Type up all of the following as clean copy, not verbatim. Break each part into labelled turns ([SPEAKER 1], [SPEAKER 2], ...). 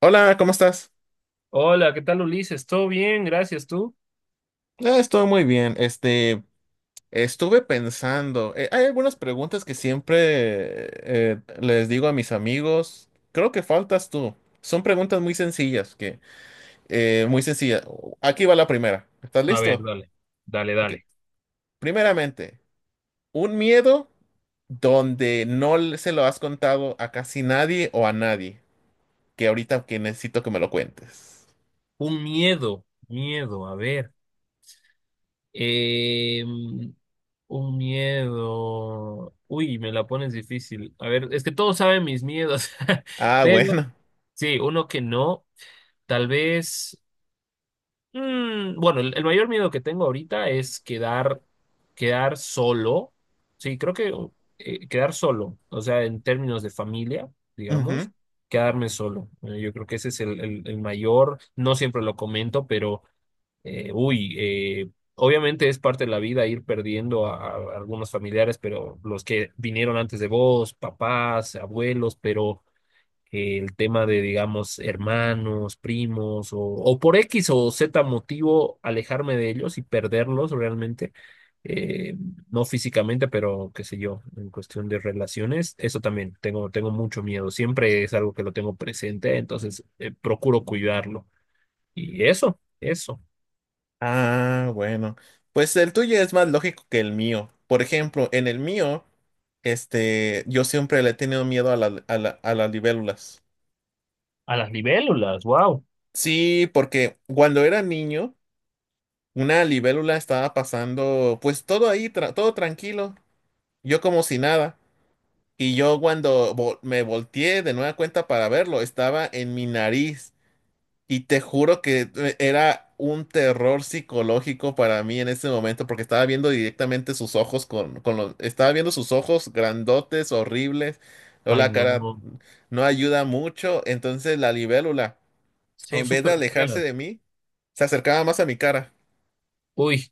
[SPEAKER 1] Hola, ¿cómo estás?
[SPEAKER 2] Hola, ¿qué tal Ulises? ¿Todo bien? Gracias, ¿tú?
[SPEAKER 1] Ah, estoy muy bien. Estuve pensando, hay algunas preguntas que siempre les digo a mis amigos. Creo que faltas tú. Son preguntas muy sencillas, que muy sencillas. Aquí va la primera. ¿Estás
[SPEAKER 2] A ver,
[SPEAKER 1] listo?
[SPEAKER 2] dale, dale,
[SPEAKER 1] Ok.
[SPEAKER 2] dale.
[SPEAKER 1] Primeramente, un miedo donde no le- se lo has contado a casi nadie o a nadie, que ahorita que necesito que me lo cuentes.
[SPEAKER 2] Un miedo, miedo, a ver. Eh, un miedo. Uy, me la pones difícil. A ver, es que todos saben mis miedos,
[SPEAKER 1] Ah,
[SPEAKER 2] pero
[SPEAKER 1] bueno.
[SPEAKER 2] sí, uno que no. Tal vez. Mm, bueno, el mayor miedo que tengo ahorita es quedar solo. Sí, creo que quedar solo, o sea, en términos de familia, digamos, quedarme solo. Yo creo que ese es el mayor, no siempre lo comento, pero, obviamente es parte de la vida ir perdiendo a algunos familiares, pero los que vinieron antes de vos, papás, abuelos, pero que el tema de, digamos, hermanos, primos, o por X o Z motivo, alejarme de ellos y perderlos realmente, eh, no físicamente, pero qué sé yo, en cuestión de relaciones, eso también, tengo mucho miedo, siempre es algo que lo tengo presente, entonces procuro cuidarlo. Y eso.
[SPEAKER 1] Ah, bueno. Pues el tuyo es más lógico que el mío. Por ejemplo, en el mío, este, yo siempre le he tenido miedo a las libélulas.
[SPEAKER 2] A las libélulas, wow.
[SPEAKER 1] Sí, porque cuando era niño, una libélula estaba pasando, pues todo ahí, todo tranquilo, yo como si nada. Y yo cuando me volteé de nueva cuenta para verlo, estaba en mi nariz. Y te juro que era un terror psicológico para mí en ese momento, porque estaba viendo directamente sus ojos con estaba viendo sus ojos grandotes, horribles, o
[SPEAKER 2] Ay,
[SPEAKER 1] la
[SPEAKER 2] no,
[SPEAKER 1] cara
[SPEAKER 2] no,
[SPEAKER 1] no ayuda mucho. Entonces la libélula,
[SPEAKER 2] son
[SPEAKER 1] en vez de
[SPEAKER 2] súper
[SPEAKER 1] alejarse
[SPEAKER 2] feas.
[SPEAKER 1] de mí, se acercaba más a mi cara.
[SPEAKER 2] Uy,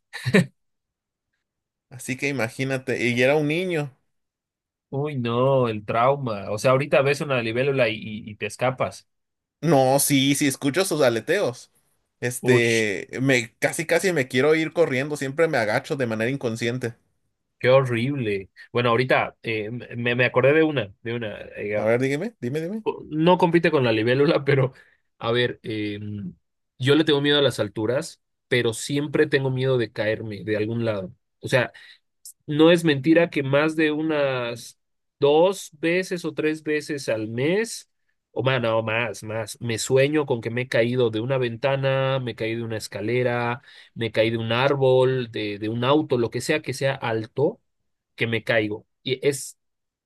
[SPEAKER 1] Así que imagínate, y era un niño.
[SPEAKER 2] uy, no, el trauma. O sea, ahorita ves una libélula y, y te escapas.
[SPEAKER 1] No, sí, sí, escucho sus aleteos.
[SPEAKER 2] Uy.
[SPEAKER 1] Este, me casi casi me quiero ir corriendo, siempre me agacho de manera inconsciente.
[SPEAKER 2] Qué horrible. Bueno, ahorita me acordé de una, de una.
[SPEAKER 1] A ver, dígame, dime, dime.
[SPEAKER 2] No compite con la libélula, pero a ver, yo le tengo miedo a las alturas, pero siempre tengo miedo de caerme de algún lado. O sea, no es mentira que más de unas 2 veces o 3 veces al mes, o más, no, más, más, me sueño con que me he caído de una ventana, me caí de una escalera, me caí de un árbol, de un auto, lo que sea alto, que me caigo. Y es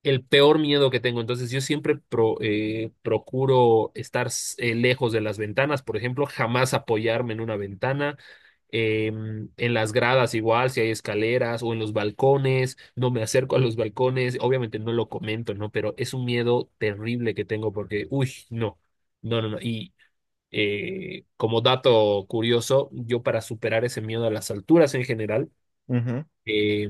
[SPEAKER 2] el peor miedo que tengo. Entonces yo siempre procuro estar lejos de las ventanas, por ejemplo, jamás apoyarme en una ventana eh, en las gradas igual, si hay escaleras o en los balcones, no me acerco a los balcones, obviamente no lo comento, ¿no? Pero es un miedo terrible que tengo porque, uy, no, no, no, no. Y como dato curioso, yo para superar ese miedo a las alturas en general,
[SPEAKER 1] Ujú.
[SPEAKER 2] eh,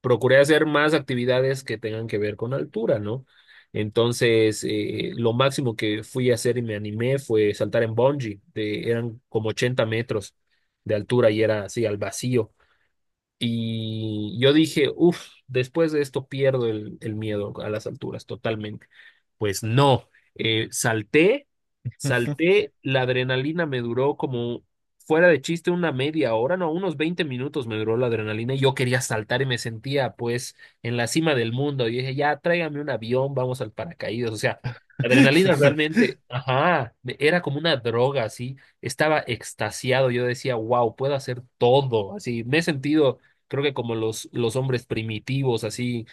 [SPEAKER 2] procuré hacer más actividades que tengan que ver con altura, ¿no? Entonces, lo máximo que fui a hacer y me animé fue saltar en bungee, de, eran como 80 metros de altura y era así al vacío. Y yo dije, uff, después de esto pierdo el miedo a las alturas totalmente. Pues no, eh, salté, salté, la adrenalina me duró como fuera de chiste una media hora, no, unos 20 minutos me duró la adrenalina y yo quería saltar y me sentía pues en la cima del mundo. Y dije, ya, tráigame un avión, vamos al paracaídas. O sea, la adrenalina realmente, ajá, era como una droga, así, estaba extasiado, yo decía, wow, puedo hacer todo, así, me he sentido creo que como los hombres primitivos, así,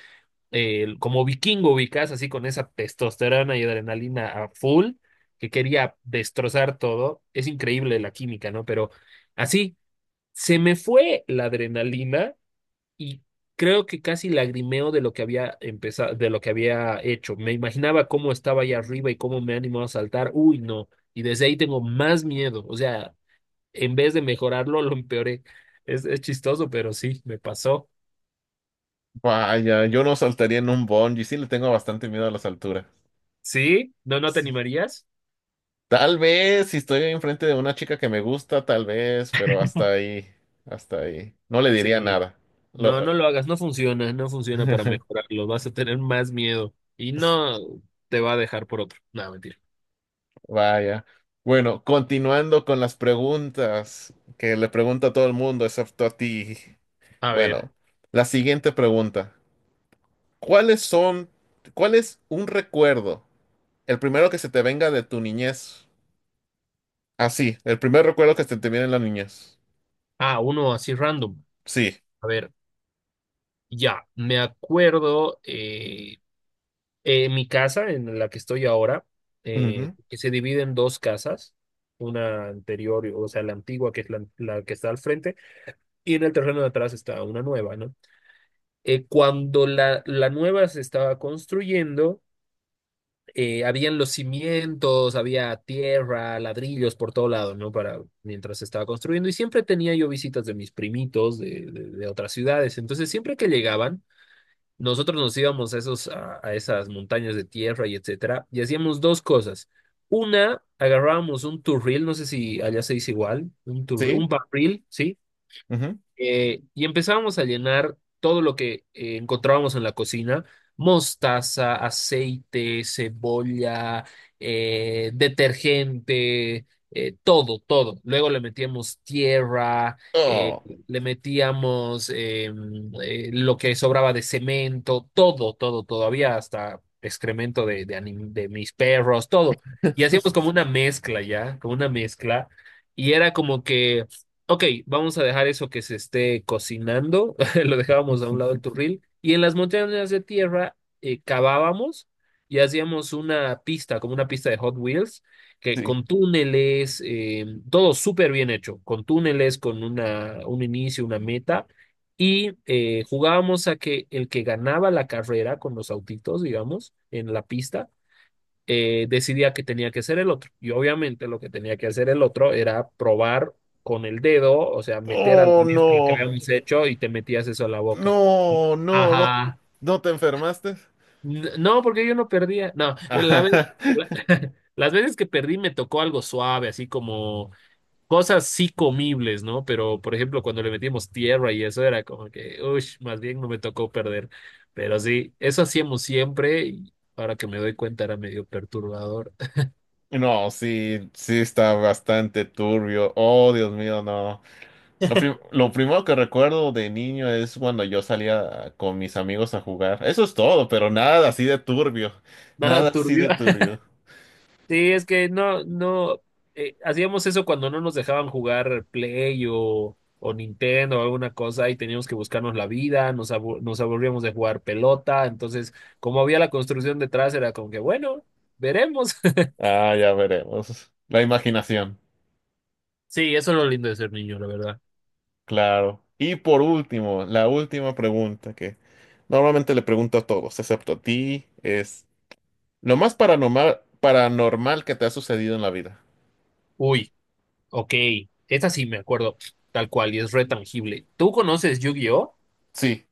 [SPEAKER 2] como vikingo ubicás, así con esa testosterona y adrenalina a full, que quería destrozar todo. Es increíble la química, ¿no? Pero así, se me fue la adrenalina y creo que casi lagrimeo de lo que había empezado, de lo que había hecho. Me imaginaba cómo estaba allá arriba y cómo me animó a saltar. Uy, no. Y desde ahí tengo más miedo. O sea, en vez de mejorarlo, lo empeoré. Es chistoso, pero sí, me pasó.
[SPEAKER 1] Vaya, yo no saltaría en un bungee, sí le tengo bastante miedo a las alturas.
[SPEAKER 2] ¿Sí? ¿No te
[SPEAKER 1] Sí.
[SPEAKER 2] animarías?
[SPEAKER 1] Tal vez si estoy enfrente de una chica que me gusta, tal vez, pero hasta ahí, hasta ahí. No le diría
[SPEAKER 2] Sí.
[SPEAKER 1] nada. Lo-
[SPEAKER 2] No, no lo hagas, no funciona, no funciona para mejorarlo, vas a tener más miedo y no te va a dejar por otro. No, mentira.
[SPEAKER 1] Vaya. Bueno, continuando con las preguntas que le pregunto a todo el mundo, excepto a ti.
[SPEAKER 2] A ver,
[SPEAKER 1] Bueno, la siguiente pregunta. ¿Cuáles son, ¿cuál es un recuerdo, el primero que se te venga de tu niñez? Ah, sí, el primer recuerdo que se te viene en la niñez.
[SPEAKER 2] ah, uno así random.
[SPEAKER 1] Sí.
[SPEAKER 2] A ver, ya, me acuerdo mi casa en la que estoy ahora,
[SPEAKER 1] Ujú,
[SPEAKER 2] que se divide en dos casas, una anterior, o sea, la antigua que es la que está al frente, y en el terreno de atrás está una nueva, ¿no? Cuando la nueva se estaba construyendo, habían los cimientos, había tierra, ladrillos por todo lado, ¿no? Para mientras se estaba construyendo. Y siempre tenía yo visitas de mis primitos de otras ciudades. Entonces, siempre que llegaban, nosotros nos íbamos a esos, a esas montañas de tierra y etcétera, y hacíamos dos cosas. Una, agarrábamos un turril, no sé si allá se dice igual, un turril,
[SPEAKER 1] sí.
[SPEAKER 2] un barril, ¿sí?
[SPEAKER 1] Ujú.
[SPEAKER 2] Y empezábamos a llenar todo lo que encontrábamos en la cocina, mostaza, aceite, cebolla, detergente, todo, todo. Luego le metíamos tierra, eh,
[SPEAKER 1] Oh,
[SPEAKER 2] le metíamos lo que sobraba de cemento, todo, todo, todo. Había hasta excremento de mis perros, todo. Y hacíamos como una mezcla ya, como una mezcla. Y era como que... Ok, vamos a dejar eso que se esté cocinando, lo dejábamos a un lado del turril, y en las montañas de tierra cavábamos y hacíamos una pista, como una pista de Hot Wheels, que
[SPEAKER 1] sí.
[SPEAKER 2] con túneles, todo súper bien hecho, con túneles, con una, un inicio, una meta, y jugábamos a que el que ganaba la carrera con los autitos, digamos, en la pista, decidía que tenía que hacer el otro. Y obviamente lo que tenía que hacer el otro era probar con el dedo, o sea, meter al la
[SPEAKER 1] Oh,
[SPEAKER 2] mezcla que
[SPEAKER 1] no.
[SPEAKER 2] habíamos hecho y te metías eso a la boca.
[SPEAKER 1] No, no, no.
[SPEAKER 2] Ajá.
[SPEAKER 1] ¿No te enfermaste?
[SPEAKER 2] No, porque yo no perdía. No, la vez,
[SPEAKER 1] Ajá.
[SPEAKER 2] la- las veces que perdí me tocó algo suave, así como cosas sí comibles, ¿no? Pero, por ejemplo, cuando le metimos tierra y eso era como que, uy, más bien no me tocó perder. Pero sí, eso hacíamos siempre y ahora que me doy cuenta era medio perturbador.
[SPEAKER 1] No, sí, sí está bastante turbio. Oh, Dios mío, no. Lo primero que recuerdo de niño es cuando yo salía con mis amigos a jugar. Eso es todo, pero nada así de turbio.
[SPEAKER 2] Nada
[SPEAKER 1] Nada así
[SPEAKER 2] turbio.
[SPEAKER 1] de turbio.
[SPEAKER 2] Sí, es que no, no, hacíamos eso cuando no nos dejaban jugar Play o Nintendo o alguna cosa y teníamos que buscarnos la vida, nos, nos aburríamos de jugar pelota, entonces como había la construcción detrás era como que, bueno, veremos.
[SPEAKER 1] Ah, ya veremos. La imaginación.
[SPEAKER 2] Sí, eso es lo lindo de ser niño, la verdad.
[SPEAKER 1] Claro. Y por último, la última pregunta que normalmente le pregunto a todos, excepto a ti, es lo más paranormal que te ha sucedido en la vida.
[SPEAKER 2] Uy, ok, esta sí me acuerdo, tal cual, y es re tangible. ¿Tú conoces Yu-Gi-Oh?
[SPEAKER 1] Sí,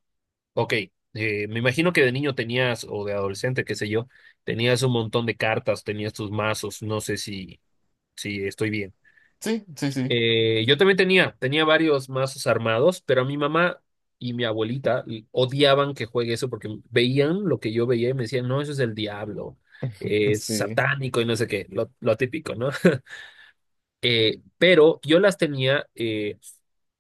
[SPEAKER 2] Ok, me imagino que de niño tenías, o de adolescente, qué sé yo, tenías un montón de cartas, tenías tus mazos, no sé si, si estoy bien.
[SPEAKER 1] sí, sí, sí.
[SPEAKER 2] Yo también tenía, tenía varios mazos armados, pero a mi mamá y mi abuelita odiaban que juegue eso porque veían lo que yo veía y me decían, no, eso es el diablo, es
[SPEAKER 1] Sí.
[SPEAKER 2] satánico y no sé qué, lo típico, ¿no? Pero yo las tenía,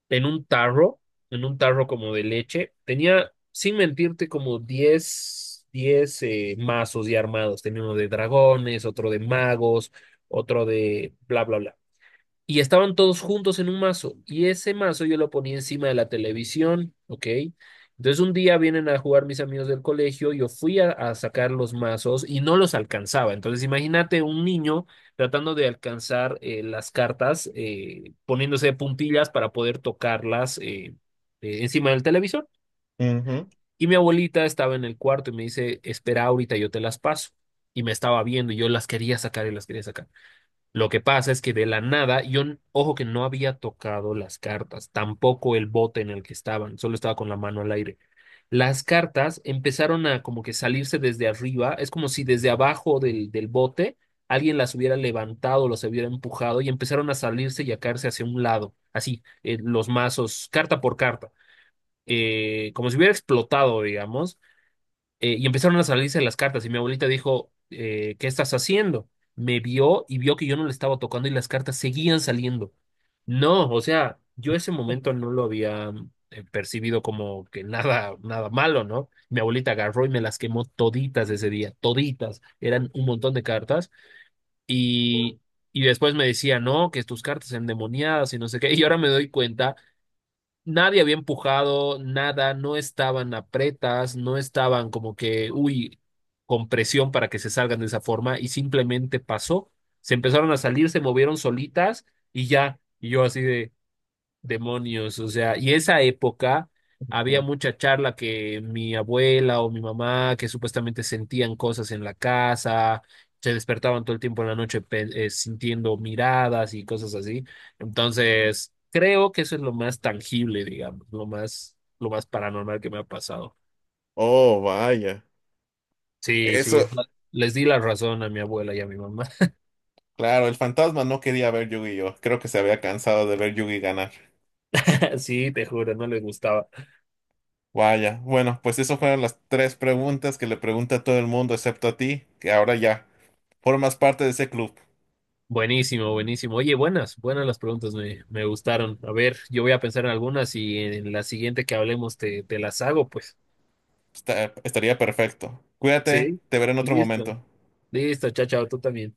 [SPEAKER 2] en un tarro, en un tarro como de leche. Tenía, sin mentirte, como diez mazos ya armados. Tenía uno de dragones, otro de magos, otro de bla, bla, bla y estaban todos juntos en un mazo. Y ese mazo yo lo ponía encima de la televisión, ¿ok? Entonces un día vienen a jugar mis amigos del colegio, yo fui a sacar los mazos y no los alcanzaba. Entonces imagínate un niño tratando de alcanzar las cartas, poniéndose de puntillas para poder tocarlas encima del televisor.
[SPEAKER 1] Ujú.
[SPEAKER 2] Y mi abuelita estaba en el cuarto y me dice, espera ahorita, yo te las paso. Y me estaba viendo y yo las quería sacar y las quería sacar. Lo que pasa es que de la nada, yo, ojo que no había tocado las cartas, tampoco el bote en el que estaban, solo estaba con la mano al aire. Las cartas empezaron a como que salirse desde arriba, es como si desde abajo del bote alguien las hubiera levantado, los hubiera empujado y empezaron a salirse y a caerse hacia un lado, así, los mazos, carta por carta, como si hubiera explotado, digamos y empezaron a salirse las cartas y mi abuelita dijo, ¿qué estás haciendo? Me vio y vio que yo no le estaba tocando y las cartas seguían saliendo. No, o sea, yo ese momento no lo había percibido como que nada, nada malo, ¿no? Mi abuelita agarró y me las quemó toditas ese día, toditas. Eran un montón de cartas y, y después me decía, no, que tus cartas endemoniadas y no sé qué. Y ahora me doy cuenta Nadie había empujado, nada, no estaban apretas, no estaban como que, uy, con presión para que se salgan de esa forma y simplemente pasó. Se empezaron a salir, se movieron solitas y ya. Y yo así de, Demonios, o sea, y esa época había mucha charla que mi abuela o mi mamá, que supuestamente sentían cosas en la casa, se despertaban todo el tiempo en la noche sintiendo miradas y cosas así. Entonces, creo que eso es lo más tangible, digamos, lo más paranormal que me ha pasado.
[SPEAKER 1] Oh, vaya.
[SPEAKER 2] Sí, sí,
[SPEAKER 1] Eso,
[SPEAKER 2] les di la razón a mi abuela y a mi mamá.
[SPEAKER 1] claro, el fantasma no quería ver Yu-Gi-Oh! Creo que se había cansado de ver Yugi ganar.
[SPEAKER 2] Sí, te juro, no les gustaba.
[SPEAKER 1] Vaya. Bueno, pues esas fueron las tres preguntas que le pregunta a todo el mundo, excepto a ti, que ahora ya formas parte de ese club.
[SPEAKER 2] Buenísimo. Oye, buenas las preguntas, me gustaron. A ver, yo voy a pensar en algunas y en la siguiente que hablemos te, te las hago, pues.
[SPEAKER 1] Estaría perfecto. Cuídate,
[SPEAKER 2] Sí,
[SPEAKER 1] te veré en otro
[SPEAKER 2] listo.
[SPEAKER 1] momento.
[SPEAKER 2] Listo, chao, chao, tú también.